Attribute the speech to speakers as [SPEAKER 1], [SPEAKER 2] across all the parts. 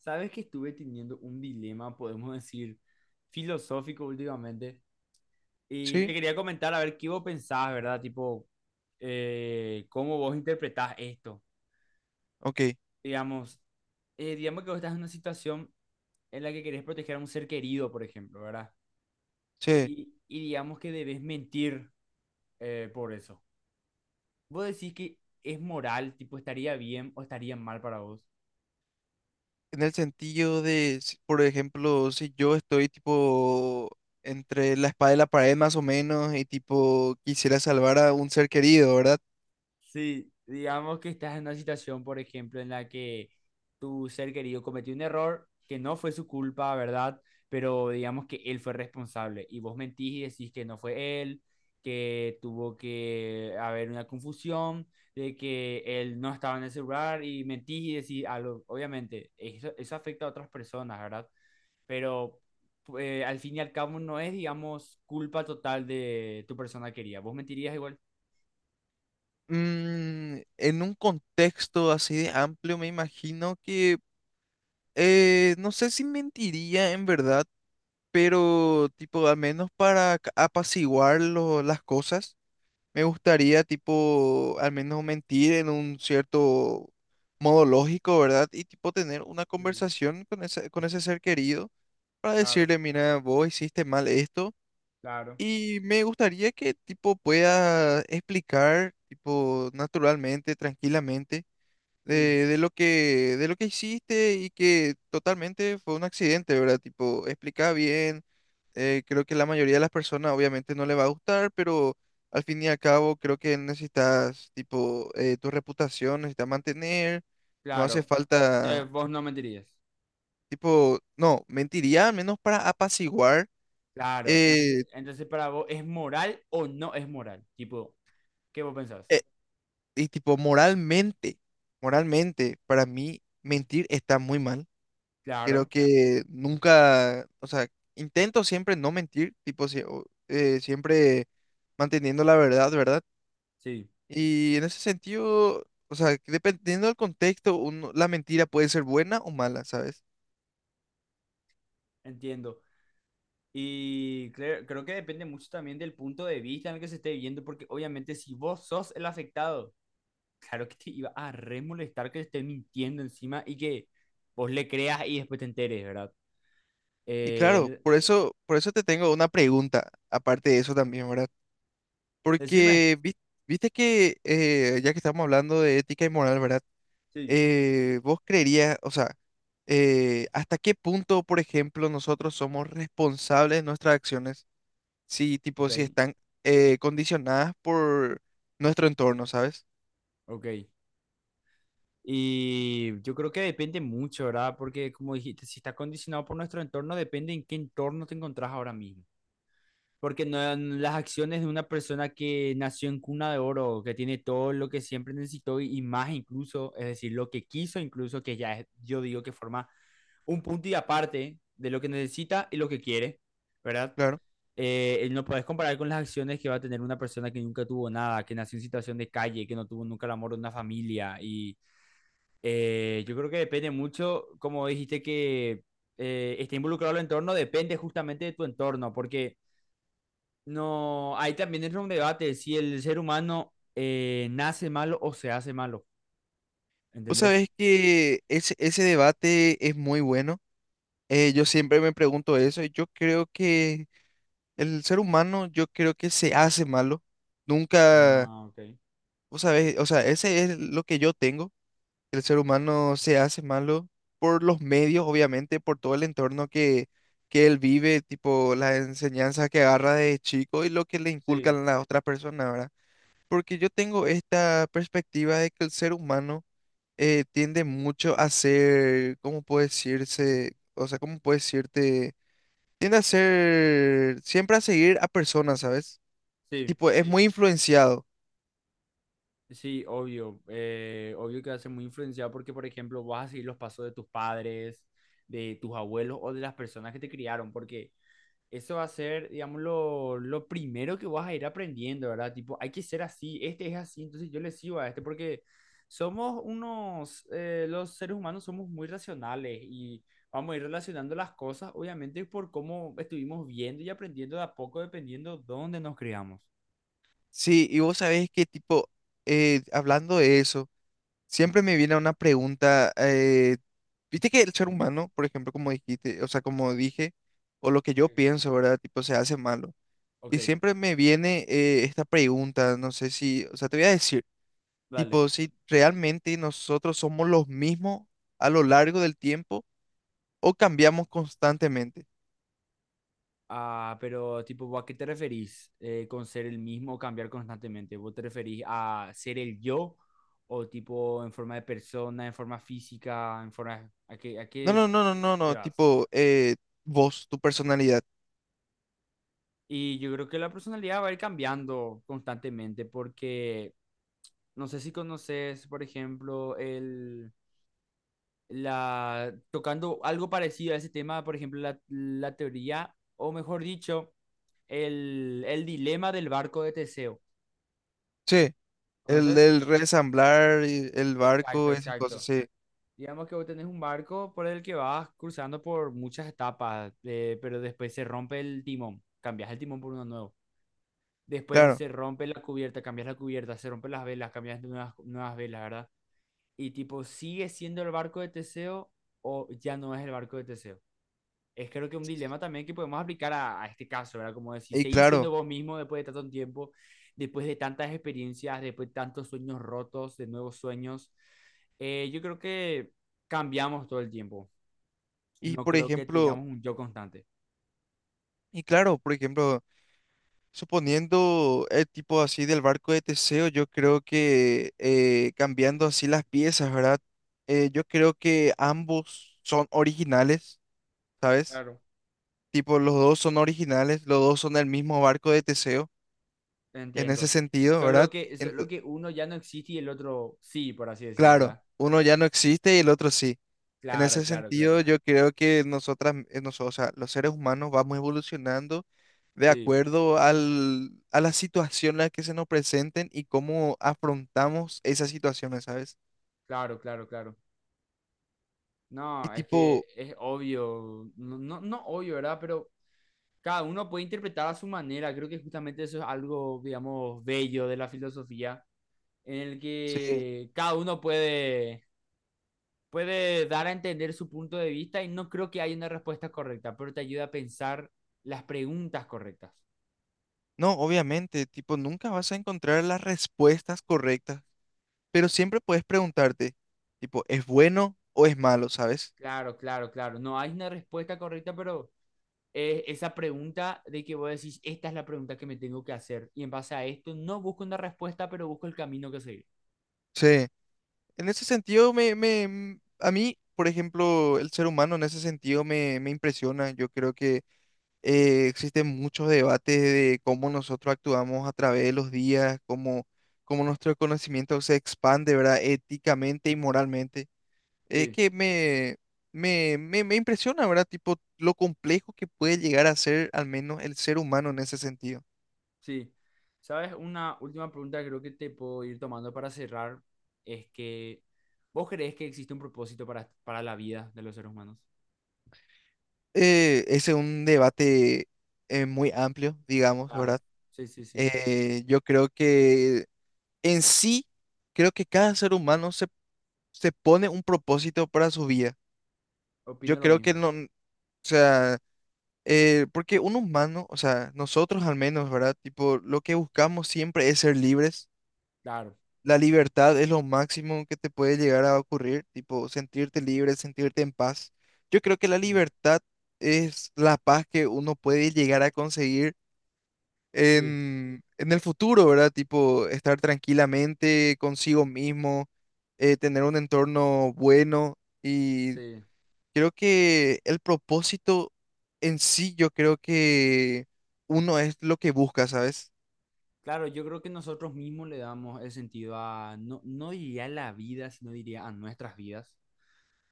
[SPEAKER 1] Sabes que estuve teniendo un dilema, podemos decir, filosófico últimamente. Y te
[SPEAKER 2] Sí,
[SPEAKER 1] quería comentar, a ver, ¿qué vos pensás, verdad? Tipo, ¿cómo vos interpretás esto?
[SPEAKER 2] ok.
[SPEAKER 1] Digamos, digamos que vos estás en una situación en la que querés proteger a un ser querido, por ejemplo, ¿verdad?
[SPEAKER 2] Sí,
[SPEAKER 1] Y digamos que debes mentir por eso. ¿Vos decís que es moral, tipo, estaría bien o estaría mal para vos?
[SPEAKER 2] en el sentido de, por ejemplo, si yo estoy tipo entre la espada y la pared más o menos y tipo quisiera salvar a un ser querido, ¿verdad?
[SPEAKER 1] Sí, digamos que estás en una situación, por ejemplo, en la que tu ser querido cometió un error que no fue su culpa, ¿verdad? Pero digamos que él fue responsable y vos mentís y decís que no fue él, que tuvo que haber una confusión, de que él no estaba en el celular y mentís y decís algo. Obviamente, eso afecta a otras personas, ¿verdad? Pero al fin y al cabo no es, digamos, culpa total de tu persona querida. ¿Vos mentirías igual?
[SPEAKER 2] Mm, en un contexto así de amplio me imagino que, no sé si mentiría en verdad, pero tipo al menos para apaciguar las cosas. Me gustaría, tipo, al menos mentir en un cierto modo lógico, ¿verdad? Y, tipo, tener una
[SPEAKER 1] Sí,
[SPEAKER 2] conversación con con ese ser querido para
[SPEAKER 1] claro,
[SPEAKER 2] decirle, mira, vos hiciste mal esto.
[SPEAKER 1] claro.
[SPEAKER 2] Y me gustaría que, tipo, pueda explicar, tipo, naturalmente, tranquilamente,
[SPEAKER 1] Sí.
[SPEAKER 2] de lo de lo que hiciste y que totalmente fue un accidente, ¿verdad? Tipo, explica bien creo que la mayoría de las personas obviamente no le va a gustar, pero al fin y al cabo creo que necesitas, tipo, tu reputación necesitas mantener, no hace
[SPEAKER 1] Claro.
[SPEAKER 2] falta,
[SPEAKER 1] Entonces vos no mentirías.
[SPEAKER 2] tipo, no, mentiría, al menos para apaciguar,
[SPEAKER 1] Claro. Entonces,
[SPEAKER 2] eh,
[SPEAKER 1] entonces para vos, ¿es moral o no es moral? Tipo, ¿qué vos pensás?
[SPEAKER 2] eh, y tipo, moralmente, para mí mentir está muy mal. Creo
[SPEAKER 1] Claro.
[SPEAKER 2] que nunca, o sea, intento siempre no mentir, tipo, siempre manteniendo la verdad, ¿verdad?
[SPEAKER 1] Sí,
[SPEAKER 2] Y en ese sentido, o sea, que dependiendo del contexto, la mentira puede ser buena o mala, ¿sabes?
[SPEAKER 1] entiendo. Y creo que depende mucho también del punto de vista en el que se esté viendo, porque obviamente si vos sos el afectado, claro que te iba a re molestar que te esté mintiendo encima y que vos le creas y después te enteres, ¿verdad?
[SPEAKER 2] Y claro,
[SPEAKER 1] Eh,
[SPEAKER 2] por eso te tengo una pregunta, aparte de eso también, ¿verdad?
[SPEAKER 1] decime.
[SPEAKER 2] Porque viste que, ya que estamos hablando de ética y moral, ¿verdad?
[SPEAKER 1] Sí.
[SPEAKER 2] Vos creerías, o sea, ¿hasta qué punto, por ejemplo, nosotros somos responsables de nuestras acciones? Si, tipo,
[SPEAKER 1] Ok,
[SPEAKER 2] si están condicionadas por nuestro entorno, ¿sabes?
[SPEAKER 1] ok. Y yo creo que depende mucho, ¿verdad? Porque como dijiste, si está condicionado por nuestro entorno, depende en qué entorno te encontrás ahora mismo. Porque las acciones de una persona que nació en cuna de oro, que tiene todo lo que siempre necesitó y más incluso, es decir, lo que quiso incluso, que ya es, yo digo que forma un punto y aparte de lo que necesita y lo que quiere, ¿verdad?
[SPEAKER 2] Claro.
[SPEAKER 1] No puedes comparar con las acciones que va a tener una persona que nunca tuvo nada, que nació en situación de calle, que no tuvo nunca el amor de una familia y yo creo que depende mucho, como dijiste que esté involucrado el entorno, depende justamente de tu entorno, porque no, ahí también entra un debate si el ser humano nace malo o se hace malo,
[SPEAKER 2] Vos
[SPEAKER 1] ¿entendés?
[SPEAKER 2] sabés que ese debate es muy bueno. Yo siempre me pregunto eso y yo creo que el ser humano, yo creo que se hace malo. Nunca,
[SPEAKER 1] Ah, ok.
[SPEAKER 2] vos sabés, o sea, ese es lo que yo tengo. El ser humano se hace malo por los medios, obviamente, por todo el entorno que él vive, tipo las enseñanzas que agarra de chico y lo que le
[SPEAKER 1] Sí,
[SPEAKER 2] inculcan las otras personas, ¿verdad? Porque yo tengo esta perspectiva de que el ser humano tiende mucho a ser, ¿cómo puede decirse? O sea, ¿cómo puede decirte? Tiende a ser, siempre a seguir a personas, ¿sabes?
[SPEAKER 1] sí,
[SPEAKER 2] Tipo, es muy influenciado.
[SPEAKER 1] sí, obvio. Obvio que va a ser muy influenciado porque, por ejemplo, vas a seguir los pasos de tus padres, de tus abuelos o de las personas que te criaron, porque eso va a ser, digamos, lo primero que vas a ir aprendiendo, ¿verdad? Tipo, hay que ser así, este es así, entonces yo le sigo a este porque somos unos, los seres humanos somos muy racionales y vamos a ir relacionando las cosas, obviamente, por cómo estuvimos viendo y aprendiendo de a poco, dependiendo dónde nos criamos.
[SPEAKER 2] Sí, y vos sabés que, tipo, hablando de eso, siempre me viene una pregunta, viste que el ser humano, por ejemplo, como dijiste, o sea, como dije, o lo que yo
[SPEAKER 1] Sí.
[SPEAKER 2] pienso, ¿verdad? Tipo, se hace malo.
[SPEAKER 1] Ok,
[SPEAKER 2] Y siempre me viene esta pregunta, no sé si, o sea, te voy a decir.
[SPEAKER 1] dale.
[SPEAKER 2] Tipo, si realmente nosotros somos los mismos a lo largo del tiempo o cambiamos constantemente.
[SPEAKER 1] Ah, pero tipo, ¿a qué te referís con ser el mismo o cambiar constantemente? ¿Vos te referís a ser el yo o tipo en forma de persona, en forma física, en forma... a
[SPEAKER 2] No,
[SPEAKER 1] qué
[SPEAKER 2] no, no, no, no,
[SPEAKER 1] te
[SPEAKER 2] no.
[SPEAKER 1] vas?
[SPEAKER 2] Tipo, vos, tu personalidad.
[SPEAKER 1] Y yo creo que la personalidad va a ir cambiando constantemente porque no sé si conoces, por ejemplo, tocando algo parecido a ese tema, por ejemplo, la teoría, o mejor dicho, el dilema del barco de Teseo.
[SPEAKER 2] Sí, el
[SPEAKER 1] ¿Conoces?
[SPEAKER 2] del resamblar, y el
[SPEAKER 1] Exacto,
[SPEAKER 2] barco, esas cosas,
[SPEAKER 1] exacto.
[SPEAKER 2] sí.
[SPEAKER 1] Digamos que vos tenés un barco por el que vas cruzando por muchas etapas, pero después se rompe el timón, cambias el timón por uno nuevo. Después
[SPEAKER 2] Claro,
[SPEAKER 1] se rompe la cubierta, cambias la cubierta, se rompen las velas, cambias nuevas, nuevas velas, ¿verdad? Y tipo, ¿sigue siendo el barco de Teseo o ya no es el barco de Teseo? Es creo que un dilema también que podemos aplicar a este caso, ¿verdad? Como decir,
[SPEAKER 2] y
[SPEAKER 1] seguir
[SPEAKER 2] claro.
[SPEAKER 1] siendo vos mismo después de tanto tiempo, después de tantas experiencias, después de tantos sueños rotos, de nuevos sueños. Yo creo que cambiamos todo el tiempo.
[SPEAKER 2] Y
[SPEAKER 1] No
[SPEAKER 2] por
[SPEAKER 1] creo que
[SPEAKER 2] ejemplo,
[SPEAKER 1] tengamos un yo constante.
[SPEAKER 2] y claro, por ejemplo, suponiendo el tipo así del barco de Teseo, yo creo que
[SPEAKER 1] Sí,
[SPEAKER 2] cambiando así las piezas, ¿verdad? Yo creo que ambos son originales, ¿sabes?
[SPEAKER 1] claro.
[SPEAKER 2] Tipo, los dos son originales, los dos son del mismo barco de Teseo, en ese
[SPEAKER 1] Entiendo.
[SPEAKER 2] sentido,
[SPEAKER 1] Solo
[SPEAKER 2] ¿verdad?
[SPEAKER 1] que, solo
[SPEAKER 2] Ento-
[SPEAKER 1] que uno ya no existe y el otro sí, por así decir,
[SPEAKER 2] claro,
[SPEAKER 1] ¿verdad?
[SPEAKER 2] uno ya no existe y el otro sí. En
[SPEAKER 1] Claro,
[SPEAKER 2] ese
[SPEAKER 1] claro,
[SPEAKER 2] sentido,
[SPEAKER 1] claro.
[SPEAKER 2] yo creo que nosotras, o sea, los seres humanos vamos evolucionando de
[SPEAKER 1] Sí,
[SPEAKER 2] acuerdo a la situación en la que se nos presenten y cómo afrontamos esas situaciones, ¿sabes?
[SPEAKER 1] claro, claro, claro.
[SPEAKER 2] Y
[SPEAKER 1] No, es que
[SPEAKER 2] tipo,
[SPEAKER 1] es obvio, no, no, no obvio, ¿verdad? Pero cada uno puede interpretar a su manera. Creo que justamente eso es algo, digamos, bello de la filosofía, en el
[SPEAKER 2] sí,
[SPEAKER 1] que cada uno puede, puede dar a entender su punto de vista y no creo que haya una respuesta correcta, pero te ayuda a pensar las preguntas correctas.
[SPEAKER 2] no, obviamente, tipo, nunca vas a encontrar las respuestas correctas. Pero siempre puedes preguntarte, tipo, ¿es bueno o es malo, sabes?
[SPEAKER 1] Claro, claro, claro. No hay una respuesta correcta, pero es esa pregunta de que vos decís, esta es la pregunta que me tengo que hacer. Y en base a esto, no busco una respuesta, pero busco el camino que seguir.
[SPEAKER 2] Sí. En ese sentido, a mí, por ejemplo, el ser humano en ese sentido me impresiona. Yo creo que existen muchos debates de cómo nosotros actuamos a través de los días, cómo, cómo nuestro conocimiento se expande, ¿verdad? Éticamente y moralmente. Es
[SPEAKER 1] Sí.
[SPEAKER 2] que me impresiona, ¿verdad? Tipo, lo complejo que puede llegar a ser al menos el ser humano en ese sentido.
[SPEAKER 1] Sí, sabes, una última pregunta que creo que te puedo ir tomando para cerrar es que ¿vos crees que existe un propósito para la vida de los seres humanos?
[SPEAKER 2] eh, es un debate muy amplio, digamos,
[SPEAKER 1] Claro,
[SPEAKER 2] ¿verdad?
[SPEAKER 1] sí, sí, sí,
[SPEAKER 2] Yo creo que en sí, creo que cada ser humano se pone un propósito para su vida. Yo
[SPEAKER 1] opino lo
[SPEAKER 2] creo que
[SPEAKER 1] mismo,
[SPEAKER 2] no, o sea, porque un humano, o sea, nosotros al menos, ¿verdad? Tipo, lo que buscamos siempre es ser libres.
[SPEAKER 1] claro,
[SPEAKER 2] La libertad es lo máximo que te puede llegar a ocurrir, tipo, sentirte libre, sentirte en paz. Yo creo que la
[SPEAKER 1] sí,
[SPEAKER 2] libertad es la paz que uno puede llegar a conseguir
[SPEAKER 1] sí,
[SPEAKER 2] en el futuro, ¿verdad? Tipo, estar tranquilamente consigo mismo, tener un entorno bueno y
[SPEAKER 1] sí.
[SPEAKER 2] creo que el propósito en sí, yo creo que uno es lo que busca, ¿sabes?
[SPEAKER 1] Claro, yo creo que nosotros mismos le damos el sentido a, no, no diría la vida, sino diría a nuestras vidas.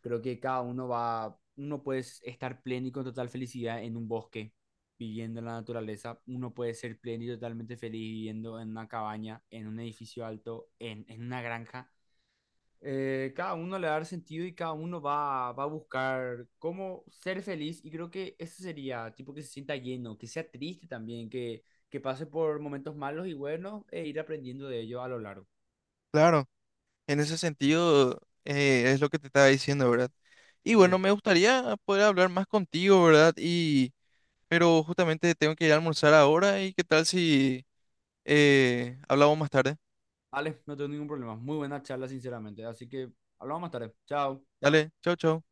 [SPEAKER 1] Creo que cada uno va, uno puede estar pleno y con total felicidad en un bosque, viviendo en la naturaleza. Uno puede ser pleno y totalmente feliz viviendo en una cabaña, en un edificio alto, en una granja. Cada uno le va a dar sentido y cada uno va, va a buscar cómo ser feliz. Y creo que eso sería, tipo, que se sienta lleno, que sea triste también, que pase por momentos malos y buenos e ir aprendiendo de ello a lo largo.
[SPEAKER 2] Claro, en ese sentido es lo que te estaba diciendo, ¿verdad? Y
[SPEAKER 1] Sí.
[SPEAKER 2] bueno, me gustaría poder hablar más contigo, ¿verdad? Y, pero justamente tengo que ir a almorzar ahora y qué tal si hablamos más tarde.
[SPEAKER 1] Alex, no tengo ningún problema. Muy buena charla, sinceramente. Así que hablamos más tarde. Chao.
[SPEAKER 2] Dale, chau, chau.